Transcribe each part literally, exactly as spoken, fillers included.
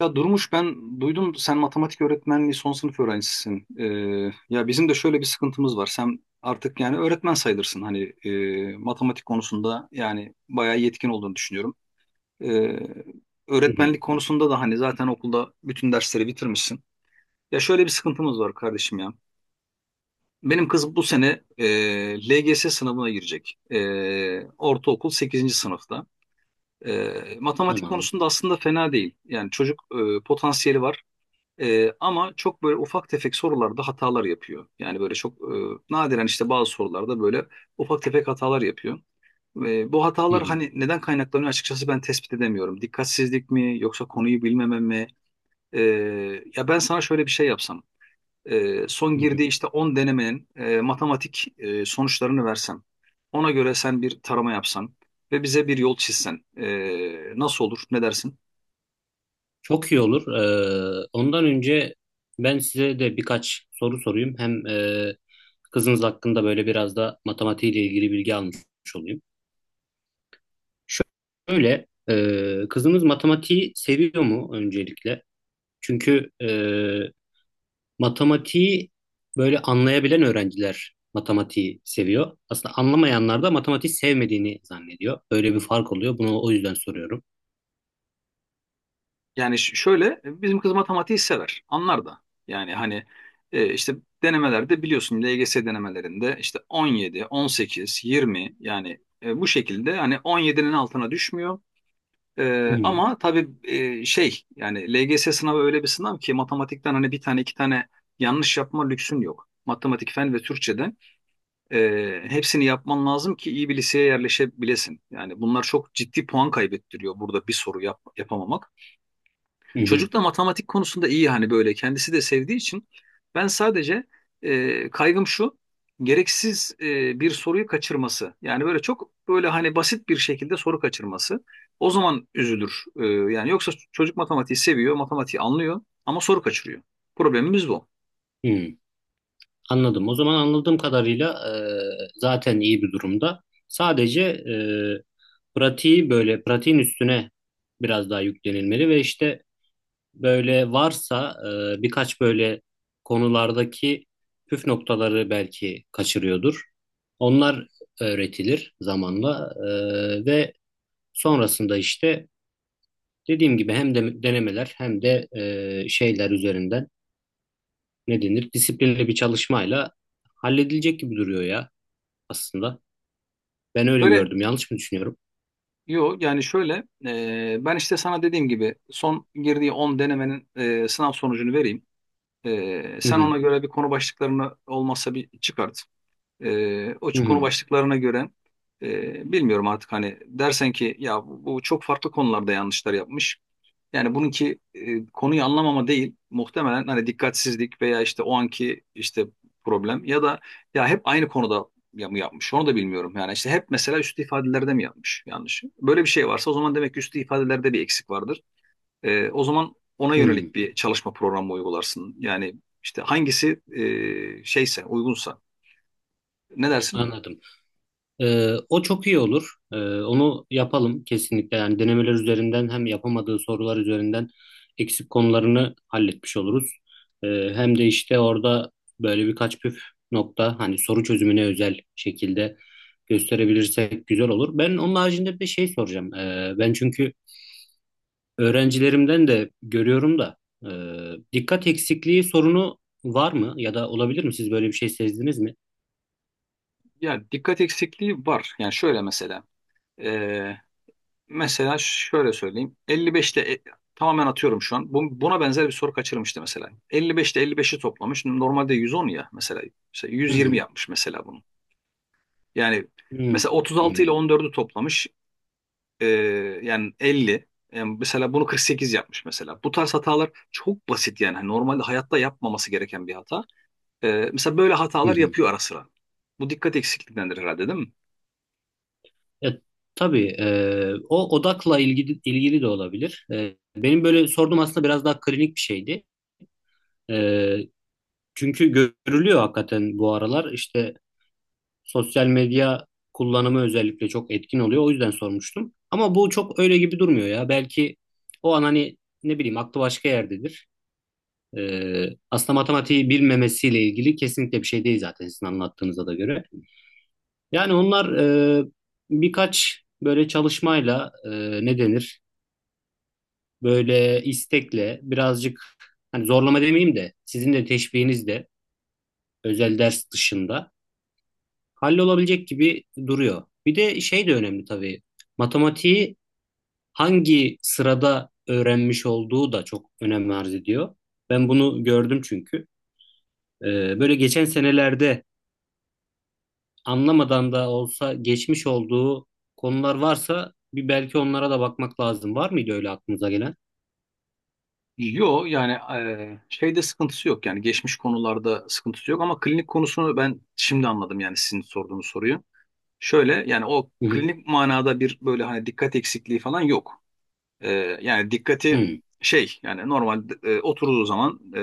Ya Durmuş ben duydum sen matematik öğretmenliği son sınıf öğrencisisin. Ee, ya bizim de şöyle bir sıkıntımız var. Sen artık yani öğretmen sayılırsın. Hani e, matematik konusunda yani bayağı yetkin olduğunu düşünüyorum. Ee, Hı hı, öğretmenlik konusunda da hani zaten okulda bütün dersleri bitirmişsin. Ya şöyle bir sıkıntımız var kardeşim ya. Benim kız bu sene e, L G S sınavına girecek. E, ortaokul sekizinci sınıfta. E, matematik tamam. konusunda aslında fena değil. Yani çocuk e, potansiyeli var. Ee, ama çok böyle ufak tefek sorularda hatalar yapıyor. Yani böyle çok e, nadiren işte bazı sorularda böyle ufak tefek hatalar yapıyor. Ve bu Hı hatalar hı, hani neden kaynaklanıyor, açıkçası ben tespit edemiyorum. Dikkatsizlik mi yoksa konuyu bilmeme mi? Ee, ya ben sana şöyle bir şey yapsam. Ee, son hı hı. girdiği işte on denemenin e, matematik e, sonuçlarını versem. Ona göre sen bir tarama yapsan ve bize bir yol çizsen. Ee, nasıl olur? Ne dersin? Çok iyi olur. Ee, ondan önce ben size de birkaç soru sorayım. Hem e, kızınız hakkında böyle biraz da matematiğiyle ilgili bilgi almış olayım. Şöyle, e, kızınız matematiği seviyor mu öncelikle? Çünkü e, matematiği böyle anlayabilen öğrenciler matematiği seviyor. Aslında anlamayanlar da matematiği sevmediğini zannediyor. Böyle bir fark oluyor. Bunu o yüzden soruyorum. Yani ş- şöyle e, bizim kız matematiği sever. Anlar da. Yani hani e, işte denemelerde biliyorsun, L G S denemelerinde işte on yedi, on sekiz, yirmi, yani e, bu şekilde hani on yedinin altına düşmüyor. Hı E, hı, ama tabii e, şey yani L G S sınavı öyle bir sınav ki matematikten hani bir tane iki tane yanlış yapma lüksün yok. Matematik, fen ve Türkçe'de e, hepsini yapman lazım ki iyi bir liseye yerleşebilesin. Yani bunlar çok ciddi puan kaybettiriyor burada bir soru yap, yapamamak. hı hı, Çocuk da matematik konusunda iyi hani böyle kendisi de sevdiği için ben sadece e, kaygım şu, gereksiz e, bir soruyu kaçırması. Yani böyle çok böyle hani basit bir şekilde soru kaçırması. O zaman üzülür. E, yani yoksa çocuk matematiği seviyor, matematiği anlıyor ama soru kaçırıyor. Problemimiz bu. hı. Anladım. O zaman anladığım kadarıyla e, zaten iyi bir durumda. Sadece e, pratiği böyle pratiğin üstüne biraz daha yüklenilmeli ve işte böyle varsa e, birkaç böyle konulardaki püf noktaları belki kaçırıyordur. Onlar öğretilir zamanla e, ve sonrasında işte dediğim gibi hem de denemeler hem de e, şeyler üzerinden ne denir disiplinli bir çalışmayla halledilecek gibi duruyor ya aslında. Ben öyle Böyle, gördüm. Yanlış mı düşünüyorum? yo yani şöyle, e, ben işte sana dediğim gibi son girdiği on denemenin e, sınav sonucunu vereyim. E, Hı sen hı. ona göre bir konu başlıklarını olmazsa bir çıkart. E, o Hı konu hı. başlıklarına göre e, bilmiyorum artık hani, dersen ki ya bu, bu çok farklı konularda yanlışlar yapmış. Yani bununki e, konuyu anlamama değil muhtemelen, hani dikkatsizlik veya işte o anki işte problem ya da ya hep aynı konuda ya mı yapmış onu da bilmiyorum. Yani işte hep mesela üstü ifadelerde mi yapmış yanlış. Böyle bir şey varsa o zaman demek ki üstü ifadelerde bir eksik vardır. E, o zaman ona Hı. yönelik bir çalışma programı uygularsın. Yani işte hangisi e, şeyse uygunsa, ne dersin? Anladım. Ee, o çok iyi olur. Ee, onu yapalım kesinlikle. Yani denemeler üzerinden hem yapamadığı sorular üzerinden eksik konularını halletmiş oluruz. Ee, Hem de işte orada böyle birkaç püf nokta hani soru çözümüne özel şekilde gösterebilirsek güzel olur. Ben onun haricinde bir şey soracağım. Ee, ben çünkü öğrencilerimden de görüyorum da e, dikkat eksikliği sorunu var mı ya da olabilir mi? Siz böyle bir şey sezdiniz mi? Ya dikkat eksikliği var. Yani şöyle mesela. e, mesela şöyle söyleyeyim. elli beşte e, tamamen atıyorum şu an. Bu- buna benzer bir soru kaçırmıştı mesela. elli beşte elli beşi toplamış. Normalde yüz on ya mesela. Mesela Hı yüz yirmi hı. yapmış mesela bunu. Yani Hı hı. mesela otuz altı ile on dördü toplamış. E, yani elli. Yani mesela bunu kırk sekiz yapmış mesela. Bu tarz hatalar çok basit yani. Hani normalde hayatta yapmaması gereken bir hata. E, mesela böyle Hı hatalar hı. yapıyor ara sıra. Bu dikkat eksikliğindendir herhalde, değil mi? Ya, tabii e, o odakla ilgili ilgili de olabilir. E, benim böyle sorduğum aslında biraz daha klinik bir şeydi. E, Çünkü görülüyor hakikaten bu aralar işte sosyal medya kullanımı özellikle çok etkin oluyor. O yüzden sormuştum. Ama bu çok öyle gibi durmuyor ya. Belki o an hani ne bileyim aklı başka yerdedir. Ee, Aslında matematiği bilmemesiyle ilgili kesinlikle bir şey değil zaten sizin anlattığınıza da göre. Yani onlar e, birkaç böyle çalışmayla e, ne denir? Böyle istekle birazcık hani zorlama demeyeyim de sizin de teşviğinizle özel ders dışında hallolabilecek gibi duruyor. Bir de şey de önemli tabii. Matematiği hangi sırada öğrenmiş olduğu da çok önem arz ediyor. Ben bunu gördüm çünkü. Ee, böyle geçen senelerde anlamadan da olsa geçmiş olduğu konular varsa bir belki onlara da bakmak lazım. Var mıydı öyle aklınıza gelen? Yo yani eee, şeyde sıkıntısı yok, yani geçmiş konularda sıkıntısı yok, ama klinik konusunu ben şimdi anladım, yani sizin sorduğunuz soruyu. Şöyle yani, o Hı hı. klinik manada bir böyle hani dikkat eksikliği falan yok. Eee, yani dikkati Hı. şey yani, normal e, oturduğu zaman e,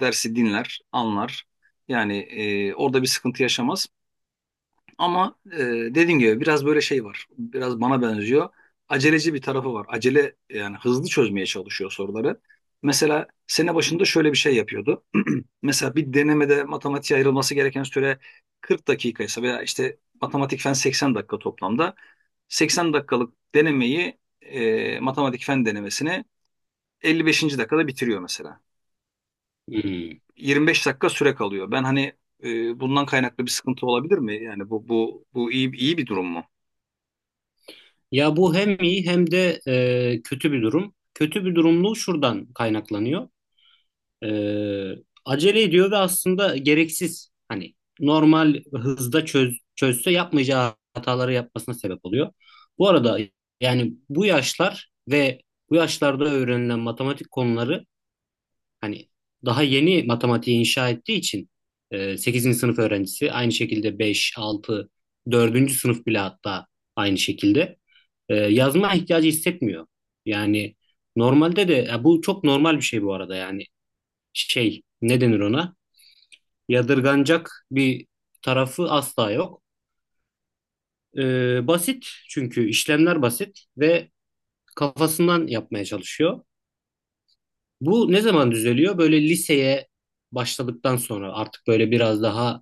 dersi dinler, anlar. Yani e, orada bir sıkıntı yaşamaz. Ama e, dediğim gibi biraz böyle şey var. Biraz bana benziyor. Aceleci bir tarafı var. Acele yani, hızlı çözmeye çalışıyor soruları. Mesela sene başında şöyle bir şey yapıyordu. Mesela bir denemede matematiğe ayrılması gereken süre kırk dakika ise veya işte matematik fen seksen dakika toplamda, seksen dakikalık denemeyi e, matematik fen denemesini elli beşinci dakikada bitiriyor mesela. Hı. yirmi beş dakika süre kalıyor. Ben hani e, bundan kaynaklı bir sıkıntı olabilir mi? Yani bu bu bu iyi iyi bir durum mu? Ya bu hem iyi hem de e, kötü bir durum. Kötü bir durumluğu şuradan kaynaklanıyor. E, Acele ediyor ve aslında gereksiz hani normal hızda çöz, çözse yapmayacağı hataları yapmasına sebep oluyor. Bu arada yani bu yaşlar ve bu yaşlarda öğrenilen matematik konuları, hani daha yeni matematiği inşa ettiği için e, sekizinci sınıf öğrencisi aynı şekilde beş altı, dördüncü sınıf bile hatta aynı şekilde e, yazma ihtiyacı hissetmiyor. Yani normalde de ya bu çok normal bir şey bu arada yani şey, ne denir ona? Yadırganacak bir tarafı asla yok. E, basit çünkü, işlemler basit ve kafasından yapmaya çalışıyor. Bu ne zaman düzeliyor? Böyle liseye başladıktan sonra artık böyle biraz daha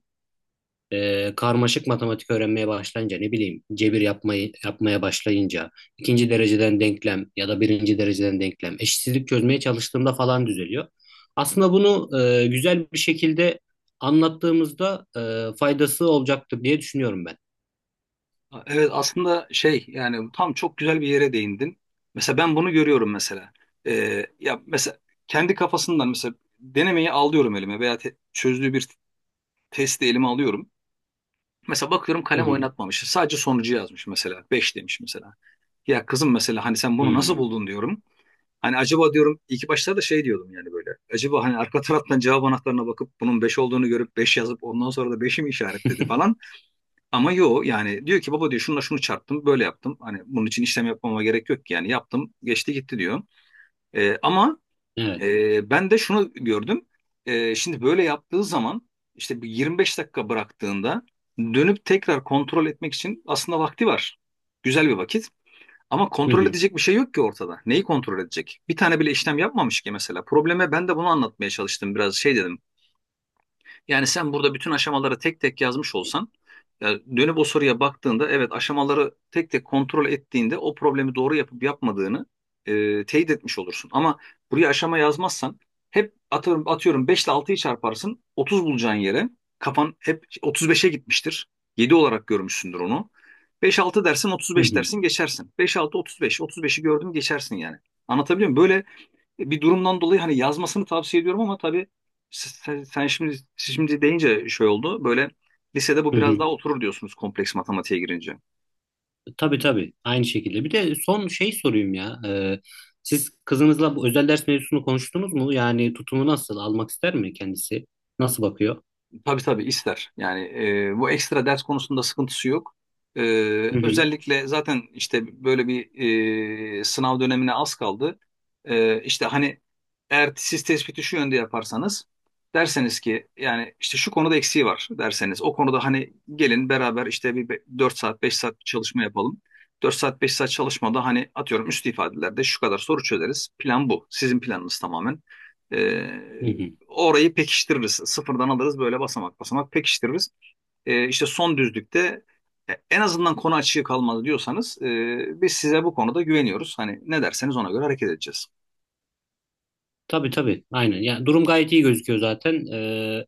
e, karmaşık matematik öğrenmeye başlayınca ne bileyim cebir yapmayı yapmaya başlayınca ikinci dereceden denklem ya da birinci dereceden denklem eşitsizlik çözmeye çalıştığımda falan düzeliyor. Aslında bunu e, güzel bir şekilde anlattığımızda e, faydası olacaktır diye düşünüyorum ben. Evet, aslında şey yani, tam çok güzel bir yere değindin. Mesela ben bunu görüyorum mesela. Ee, ya mesela kendi kafasından mesela denemeyi alıyorum elime veya te- çözdüğü bir testi elime alıyorum. Mesela bakıyorum Hı kalem hı. oynatmamış. Sadece sonucu yazmış mesela. Beş demiş mesela. Ya kızım mesela, hani sen bunu nasıl Hmm. buldun diyorum. Hani acaba diyorum, ilk başta da şey diyordum yani, böyle. Acaba hani arka taraftan cevap anahtarına bakıp bunun beş olduğunu görüp beş yazıp ondan sonra da beşi mi işaretledi falan. Ama yo yani diyor ki baba diyor, şununla şunu çarptım böyle yaptım. Hani bunun için işlem yapmama gerek yok ki, yani yaptım geçti gitti diyor. Ee, ama Evet. e, ben de şunu gördüm. Ee, şimdi böyle yaptığı zaman işte bir yirmi beş dakika bıraktığında dönüp tekrar kontrol etmek için aslında vakti var. Güzel bir vakit. Ama Hı kontrol hı. edecek bir şey yok ki ortada. Neyi kontrol edecek? Bir tane bile işlem yapmamış ki mesela. Probleme ben de bunu anlatmaya çalıştım. Biraz şey dedim. Yani sen burada bütün aşamaları tek tek yazmış olsan, yani dönüp o soruya baktığında, evet, aşamaları tek tek kontrol ettiğinde o problemi doğru yapıp yapmadığını e, teyit etmiş olursun. Ama buraya aşama yazmazsan, hep, atıyorum, atıyorum beş ile altıyı çarparsın otuz bulacağın yere kafan hep otuz beşe gitmiştir. Yedi olarak görmüşsündür onu. Beş altı dersin otuz Hı beş hı. dersin geçersin. Beş altı otuz beş, otuz beşi gördüm geçersin yani. Anlatabiliyor muyum? Böyle bir durumdan dolayı hani yazmasını tavsiye ediyorum ama tabii sen, sen şimdi, siz şimdi deyince şey oldu. Böyle lisede bu Hı biraz hı. daha oturur diyorsunuz, kompleks matematiğe girince. Tabii tabii aynı şekilde. Bir de son şey sorayım ya. Ee, siz kızınızla bu özel ders mevzusunu konuştunuz mu? Yani tutumu nasıl? Almak ister mi kendisi? Nasıl bakıyor? Tabii tabii ister. Yani e, bu ekstra ders konusunda sıkıntısı yok. E, Hı hı. özellikle zaten işte böyle bir e, sınav dönemine az kaldı. E, işte hani eğer siz tespiti şu yönde yaparsanız, derseniz ki yani işte şu konuda eksiği var, derseniz o konuda hani gelin beraber işte bir be- dört saat beş saat bir çalışma yapalım. Dört saat beş saat çalışmada hani atıyorum üst ifadelerde şu kadar soru çözeriz. Plan bu. Sizin planınız tamamen. Hı hı. Orayı pekiştiririz. Sıfırdan alırız, böyle basamak basamak pekiştiririz. E, işte son düzlükte e, en azından konu açığı kalmadı diyorsanız, e, biz size bu konuda güveniyoruz. Hani ne derseniz ona göre hareket edeceğiz. Tabii tabii aynen. Ya durum gayet iyi gözüküyor zaten. Ee,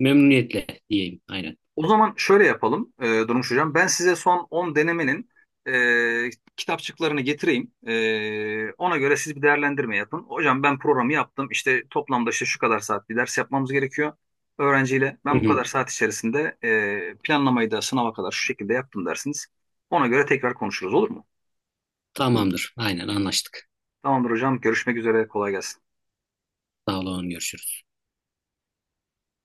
Memnuniyetle diyeyim aynen. O zaman şöyle yapalım, e, Durmuş Hocam. Ben size son on denemenin e, kitapçıklarını getireyim. E, ona göre siz bir değerlendirme yapın. Hocam, ben programı yaptım. İşte toplamda işte şu kadar saat bir ders yapmamız gerekiyor öğrenciyle. Hı Ben bu hı. kadar saat içerisinde e, planlamayı da sınava kadar şu şekilde yaptım dersiniz. Ona göre tekrar konuşuruz, olur mu? Tamamdır aynen anlaştık. Tamamdır hocam. Görüşmek üzere. Kolay gelsin. Sağ olun görüşürüz.